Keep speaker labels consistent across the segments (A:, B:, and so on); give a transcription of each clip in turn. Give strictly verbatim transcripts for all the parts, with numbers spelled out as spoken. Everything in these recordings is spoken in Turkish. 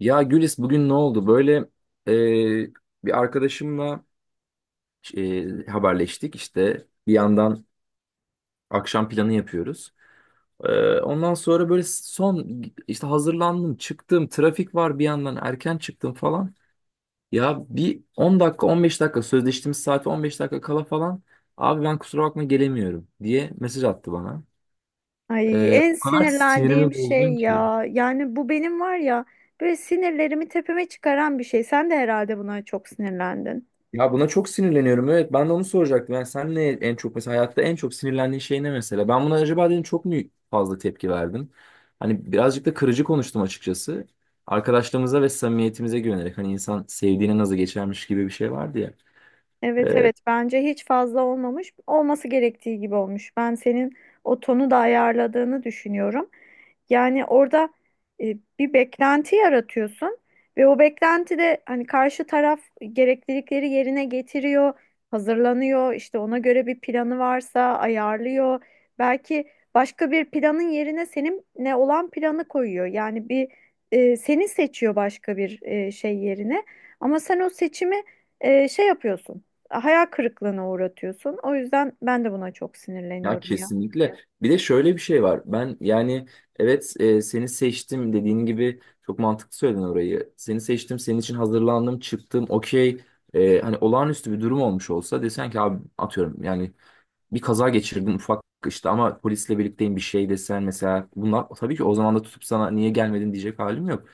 A: Ya Gülis bugün ne oldu? Böyle e, bir arkadaşımla e, haberleştik işte bir yandan akşam planı yapıyoruz. E, ondan sonra böyle son işte hazırlandım çıktım trafik var bir yandan erken çıktım falan. Ya bir on dakika on beş dakika sözleştiğimiz saate on beş dakika kala falan abi ben kusura bakma gelemiyorum diye mesaj attı bana.
B: Ay,
A: E,
B: en
A: o kadar sinirimi
B: sinirlendiğim
A: bozdun
B: şey
A: ki.
B: ya. Yani bu benim var ya, böyle sinirlerimi tepeme çıkaran bir şey. Sen de herhalde buna çok sinirlendin.
A: Ya buna çok sinirleniyorum. Evet ben de onu soracaktım. Yani sen ne en çok mesela hayatta en çok sinirlendiğin şey ne mesela? Ben buna acaba dedim çok mu fazla tepki verdim? Hani birazcık da kırıcı konuştum açıkçası. Arkadaşlığımıza ve samimiyetimize güvenerek hani insan sevdiğine nazı geçermiş gibi bir şey vardı ya.
B: Evet
A: Ee,
B: evet bence hiç fazla olmamış. Olması gerektiği gibi olmuş. Ben senin o tonu da ayarladığını düşünüyorum. Yani orada e, bir beklenti yaratıyorsun ve o beklenti de hani karşı taraf gereklilikleri yerine getiriyor, hazırlanıyor, işte ona göre bir planı varsa ayarlıyor. Belki başka bir planın yerine senin ne olan planı koyuyor. Yani bir e, seni seçiyor başka bir e, şey yerine. Ama sen o seçimi e, şey yapıyorsun, hayal kırıklığına uğratıyorsun. O yüzden ben de buna çok
A: ya
B: sinirleniyorum ya.
A: kesinlikle. Bir de şöyle bir şey var. Ben yani evet e, seni seçtim dediğin gibi çok mantıklı söyledin orayı. Seni seçtim, senin için hazırlandım, çıktım, okey. Ee, hani olağanüstü bir durum olmuş olsa desen ki abi atıyorum yani bir kaza geçirdin ufak işte ama polisle birlikteyim bir şey desen mesela bunlar tabii ki o zaman da tutup sana niye gelmedin diyecek halim yok.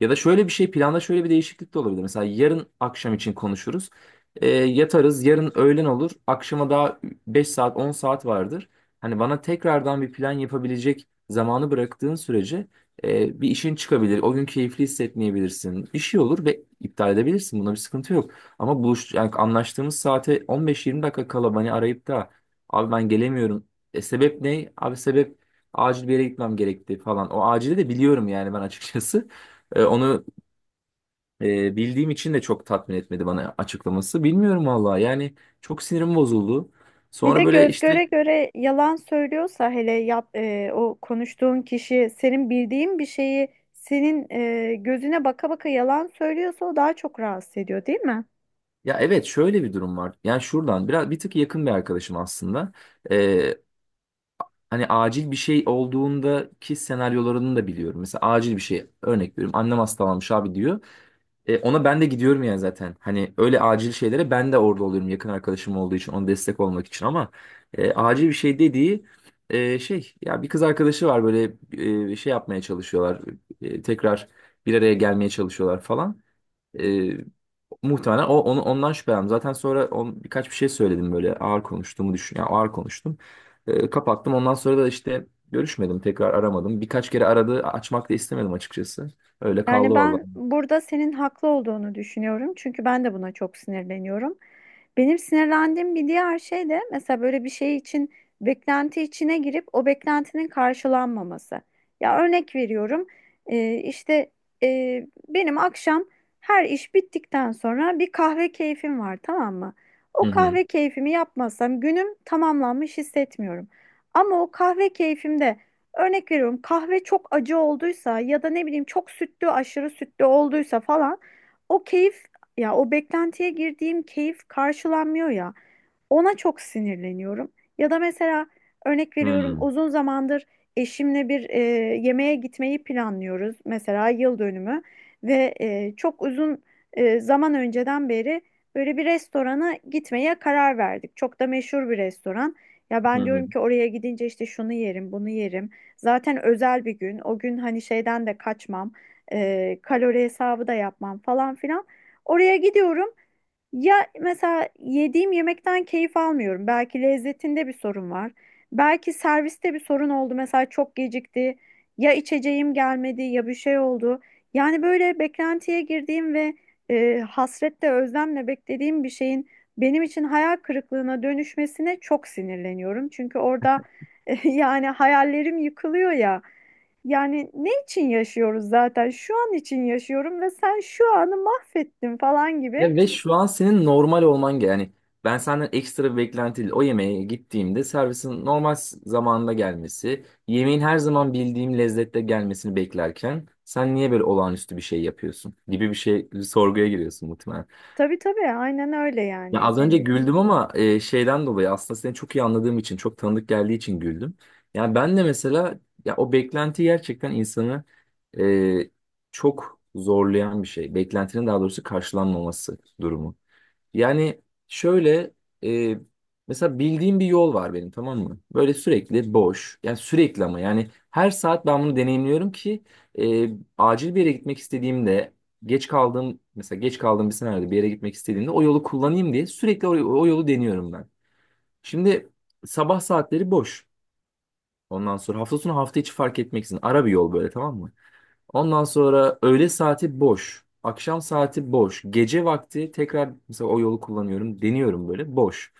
A: Ya da şöyle bir şey planda şöyle bir değişiklik de olabilir. Mesela yarın akşam için konuşuruz. Ee, yatarız yarın öğlen olur. Akşama daha beş saat on saat vardır. Hani bana tekrardan bir plan yapabilecek zamanı bıraktığın sürece e, bir işin çıkabilir. O gün keyifli hissetmeyebilirsin. Bir şey olur ve iptal edebilirsin. Buna bir sıkıntı yok. Ama buluş yani anlaştığımız saate on beş yirmi dakika kala beni arayıp da abi ben gelemiyorum. E sebep ne? Abi sebep acil bir yere gitmem gerekti falan. O acili de biliyorum yani ben açıkçası. E, onu e, bildiğim için de çok tatmin etmedi bana açıklaması. Bilmiyorum valla yani çok sinirim bozuldu.
B: Bir de
A: Sonra böyle
B: göz
A: işte
B: göre göre yalan söylüyorsa, hele yap e, o konuştuğun kişi senin bildiğin bir şeyi senin e, gözüne baka baka yalan söylüyorsa, o daha çok rahatsız ediyor, değil mi?
A: ya evet şöyle bir durum var. Yani şuradan biraz bir tık yakın bir arkadaşım aslında. E, hani acil bir şey olduğundaki senaryolarını da biliyorum. Mesela acil bir şey örnek veriyorum. Annem hastalanmış abi diyor. E, ona ben de gidiyorum yani zaten. Hani öyle acil şeylere ben de orada oluyorum yakın arkadaşım olduğu için, ona destek olmak için ama e, acil bir şey dediği e, şey ya bir kız arkadaşı var böyle e, şey yapmaya çalışıyorlar. E, tekrar bir araya gelmeye çalışıyorlar falan. E, muhtemelen o onu ondan şüphelendim. Zaten sonra on, birkaç bir şey söyledim böyle ağır konuştuğumu düşün. Yani ağır konuştum. E, kapattım. Ondan sonra da işte görüşmedim, tekrar aramadım. Birkaç kere aradı, açmak da istemedim açıkçası. Öyle
B: Yani
A: kaldı vallahi.
B: ben burada senin haklı olduğunu düşünüyorum. Çünkü ben de buna çok sinirleniyorum. Benim sinirlendiğim bir diğer şey de mesela böyle bir şey için beklenti içine girip o beklentinin karşılanmaması. Ya, örnek veriyorum, e, işte, e, benim akşam her iş bittikten sonra bir kahve keyfim var, tamam mı?
A: Hı
B: O
A: hı.
B: kahve keyfimi yapmazsam günüm tamamlanmış hissetmiyorum. Ama o kahve keyfimde, örnek veriyorum, kahve çok acı olduysa ya da ne bileyim çok sütlü, aşırı sütlü olduysa falan, o keyif, ya o beklentiye girdiğim keyif karşılanmıyor ya, ona çok sinirleniyorum. Ya da mesela örnek veriyorum,
A: Hı.
B: uzun zamandır eşimle bir e, yemeğe gitmeyi planlıyoruz, mesela yıl dönümü, ve e, çok uzun e, zaman önceden beri böyle bir restorana gitmeye karar verdik. Çok da meşhur bir restoran. Ya
A: Hı
B: ben diyorum
A: hı.
B: ki oraya gidince işte şunu yerim, bunu yerim. Zaten özel bir gün. O gün hani şeyden de kaçmam, e, kalori hesabı da yapmam falan filan. Oraya gidiyorum. Ya mesela yediğim yemekten keyif almıyorum. Belki lezzetinde bir sorun var. Belki serviste bir sorun oldu. Mesela çok gecikti. Ya içeceğim gelmedi, ya bir şey oldu. Yani böyle beklentiye girdiğim ve e, hasretle özlemle beklediğim bir şeyin benim için hayal kırıklığına dönüşmesine çok sinirleniyorum. Çünkü orada yani hayallerim yıkılıyor ya. Yani ne için yaşıyoruz zaten? Şu an için yaşıyorum ve sen şu anı mahvettin falan gibi.
A: Ya ve şu an senin normal olman ge- yani ben senden ekstra bir beklenti değil. O yemeğe gittiğimde servisin normal s- zamanında gelmesi, yemeğin her zaman bildiğim lezzette gelmesini beklerken sen niye böyle olağanüstü bir şey yapıyorsun gibi bir şey bir sorguya giriyorsun muhtemelen.
B: Tabii tabii aynen öyle,
A: Ya
B: yani
A: az
B: senin
A: önce
B: dediğin
A: güldüm
B: gibi.
A: ama e, şeyden dolayı aslında seni çok iyi anladığım için, çok tanıdık geldiği için güldüm. Yani ben de mesela ya o beklenti gerçekten insanı e, çok zorlayan bir şey. Beklentinin daha doğrusu karşılanmaması durumu. Yani şöyle e, mesela bildiğim bir yol var benim, tamam mı? Böyle sürekli boş. Yani sürekli ama yani her saat ben bunu deneyimliyorum ki e, acil bir yere gitmek istediğimde geç kaldığım mesela geç kaldığım bir senaryoda bir yere gitmek istediğimde o yolu kullanayım diye sürekli o, o yolu deniyorum ben. Şimdi sabah saatleri boş. Ondan sonra hafta sonu hafta içi fark etmeksizin ara bir yol böyle, tamam mı? Ondan sonra öğle saati boş. Akşam saati boş. Gece vakti tekrar mesela o yolu kullanıyorum. Deniyorum böyle boş.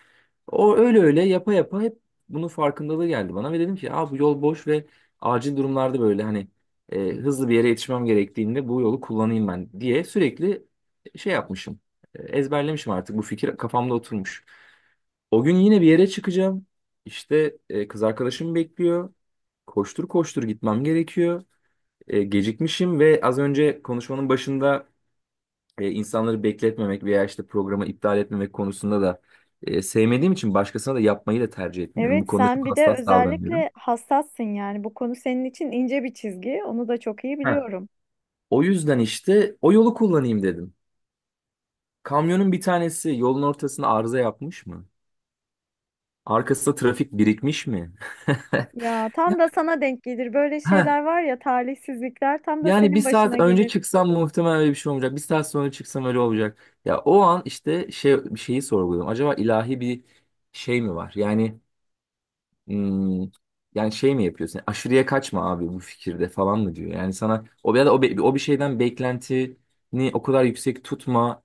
A: O öyle öyle yapa yapa hep bunun farkındalığı geldi bana ve dedim ki aa, bu yol boş ve acil durumlarda böyle hani e, hızlı bir yere yetişmem gerektiğinde bu yolu kullanayım ben diye sürekli şey yapmışım. E, Ezberlemişim artık, bu fikir kafamda oturmuş. O gün yine bir yere çıkacağım. İşte e, kız arkadaşım bekliyor. Koştur koştur gitmem gerekiyor. E, gecikmişim ve az önce konuşmanın başında e, insanları bekletmemek veya işte programı iptal etmemek konusunda da e, sevmediğim için başkasına da yapmayı da tercih etmiyorum. Bu
B: Evet,
A: konuda
B: sen
A: çok
B: bir de
A: hassas davranıyorum.
B: özellikle hassassın, yani bu konu senin için ince bir çizgi, onu da çok iyi
A: Heh.
B: biliyorum.
A: O yüzden işte o yolu kullanayım dedim. Kamyonun bir tanesi yolun ortasına arıza yapmış mı? Arkasında trafik birikmiş mi?
B: Ya
A: Ya-
B: tam da sana denk gelir böyle
A: heh.
B: şeyler, var ya, talihsizlikler tam da
A: Yani bir
B: senin başına
A: saat önce
B: gelir.
A: çıksam muhtemelen öyle bir şey olmayacak. Bir saat sonra çıksam öyle olacak. Ya o an işte şey bir şeyi sorguluyorum. Acaba ilahi bir şey mi var? Yani hmm, yani şey mi yapıyorsun? Aşırıya kaçma abi bu fikirde falan mı diyor? Yani sana o ya da o, be- o bir şeyden beklentini o kadar yüksek tutma.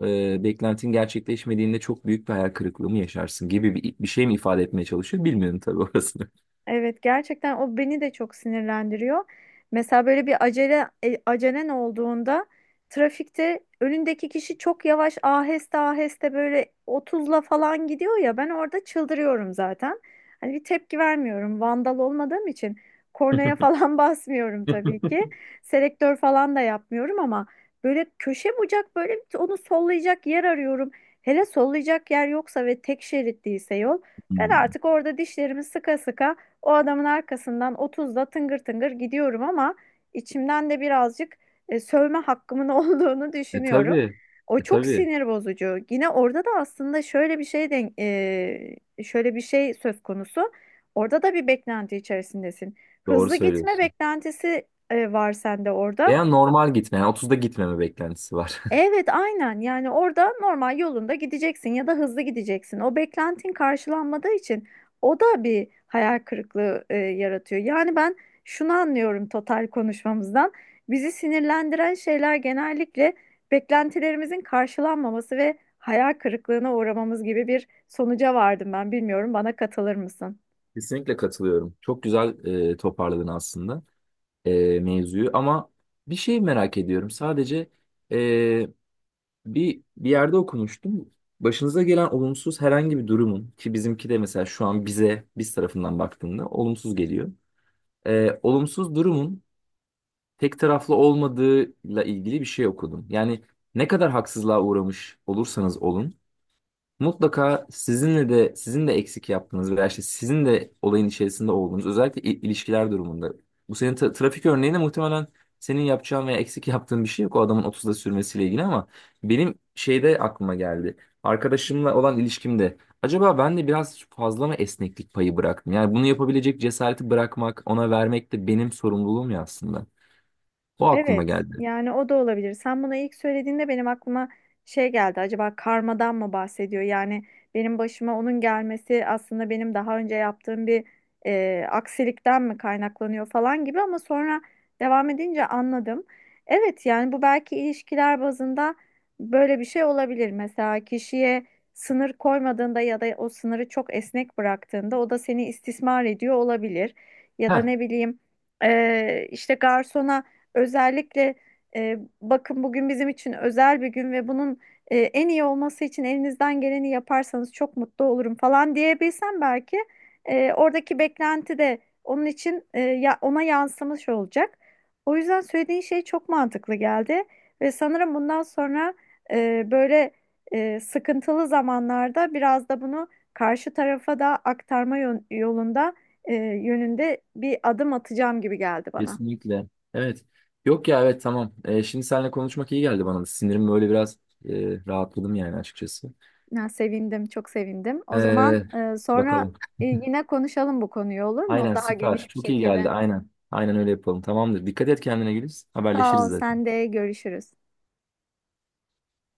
A: E, beklentin gerçekleşmediğinde çok büyük bir hayal kırıklığı mı yaşarsın gibi bir, bir şey mi ifade etmeye çalışıyor? Bilmiyorum tabii orasını.
B: Evet, gerçekten o beni de çok sinirlendiriyor. Mesela böyle bir acele e, acelen olduğunda trafikte önündeki kişi çok yavaş, aheste aheste, böyle otuzla falan gidiyor ya, ben orada çıldırıyorum zaten. Hani bir tepki vermiyorum. Vandal olmadığım için kornaya falan basmıyorum tabii ki. Selektör falan da yapmıyorum ama böyle köşe bucak böyle bir- onu sollayacak yer arıyorum. Hele sollayacak yer yoksa ve tek şerit değilse yol, ben
A: Hmm.
B: artık orada dişlerimi sıka sıka o adamın arkasından otuzda tıngır tıngır gidiyorum ama içimden de birazcık e, sövme hakkımın olduğunu
A: E
B: düşünüyorum.
A: tabii.
B: O
A: E
B: çok
A: tabii.
B: sinir bozucu. Yine orada da aslında şöyle bir şey denk, e, şöyle bir şey söz konusu. Orada da bir beklenti içerisindesin.
A: Doğru
B: Hızlı gitme
A: söylüyorsun.
B: beklentisi e, var sende orada.
A: Veya normal gitme. Yani otuzda gitmeme beklentisi var.
B: Evet, aynen, yani orada normal yolunda gideceksin ya da hızlı gideceksin. O beklentin karşılanmadığı için o da bir hayal kırıklığı e, yaratıyor. Yani ben şunu anlıyorum total konuşmamızdan: bizi sinirlendiren şeyler genellikle beklentilerimizin karşılanmaması ve hayal kırıklığına uğramamız gibi bir sonuca vardım ben. Bilmiyorum, bana katılır mısın?
A: Kesinlikle katılıyorum. Çok güzel e, toparladın aslında e, mevzuyu ama bir şey merak ediyorum. Sadece e, bir bir yerde okumuştum. Başınıza gelen olumsuz herhangi bir durumun ki bizimki de mesela şu an bize biz tarafından baktığında olumsuz geliyor. E, olumsuz durumun tek taraflı olmadığıyla ilgili bir şey okudum. Yani ne kadar haksızlığa uğramış olursanız olun, mutlaka sizinle de sizin de eksik yaptığınız veya işte sizin de olayın içerisinde olduğunuz özellikle il- ilişkiler durumunda. Bu senin tra- trafik örneğinde muhtemelen senin yapacağın veya eksik yaptığın bir şey yok o adamın otuzda sürmesiyle ilgili ama benim şeyde aklıma geldi. Arkadaşımla olan ilişkimde acaba ben de biraz fazla mı esneklik payı bıraktım? Yani bunu yapabilecek cesareti bırakmak, ona vermek de benim sorumluluğum ya aslında. O aklıma
B: Evet,
A: geldi.
B: yani o da olabilir. Sen buna ilk söylediğinde benim aklıma şey geldi. Acaba karmadan mı bahsediyor? Yani benim başıma onun gelmesi aslında benim daha önce yaptığım bir e, aksilikten mi kaynaklanıyor falan gibi, ama sonra devam edince anladım. Evet, yani bu belki ilişkiler bazında böyle bir şey olabilir. Mesela kişiye sınır koymadığında ya da o sınırı çok esnek bıraktığında, o da seni istismar ediyor olabilir. Ya da ne bileyim, e, işte garsona özellikle, e, bakın bugün bizim için özel bir gün ve bunun e, en iyi olması için elinizden geleni yaparsanız çok mutlu olurum falan diyebilsem belki e, oradaki beklenti de onun için, e, ya, ona yansımış olacak. O yüzden söylediğin şey çok mantıklı geldi ve sanırım bundan sonra e, böyle e, sıkıntılı zamanlarda biraz da bunu karşı tarafa da aktarma yön- yolunda e, yönünde bir adım atacağım gibi geldi bana.
A: Kesinlikle. Evet. Yok ya evet, tamam. Ee, şimdi seninle konuşmak iyi geldi bana da. Sinirim böyle biraz e, rahatladım yani açıkçası.
B: Ya, sevindim, çok sevindim. O zaman
A: Ee,
B: e, sonra
A: bakalım.
B: e, yine konuşalım bu konuyu, olur mu?
A: Aynen
B: Daha
A: süper.
B: geniş bir
A: Çok iyi geldi.
B: şekilde.
A: Aynen. Aynen öyle yapalım. Tamamdır. Dikkat et kendine Güliz.
B: Sağ
A: Haberleşiriz
B: ol,
A: zaten.
B: sen de, görüşürüz.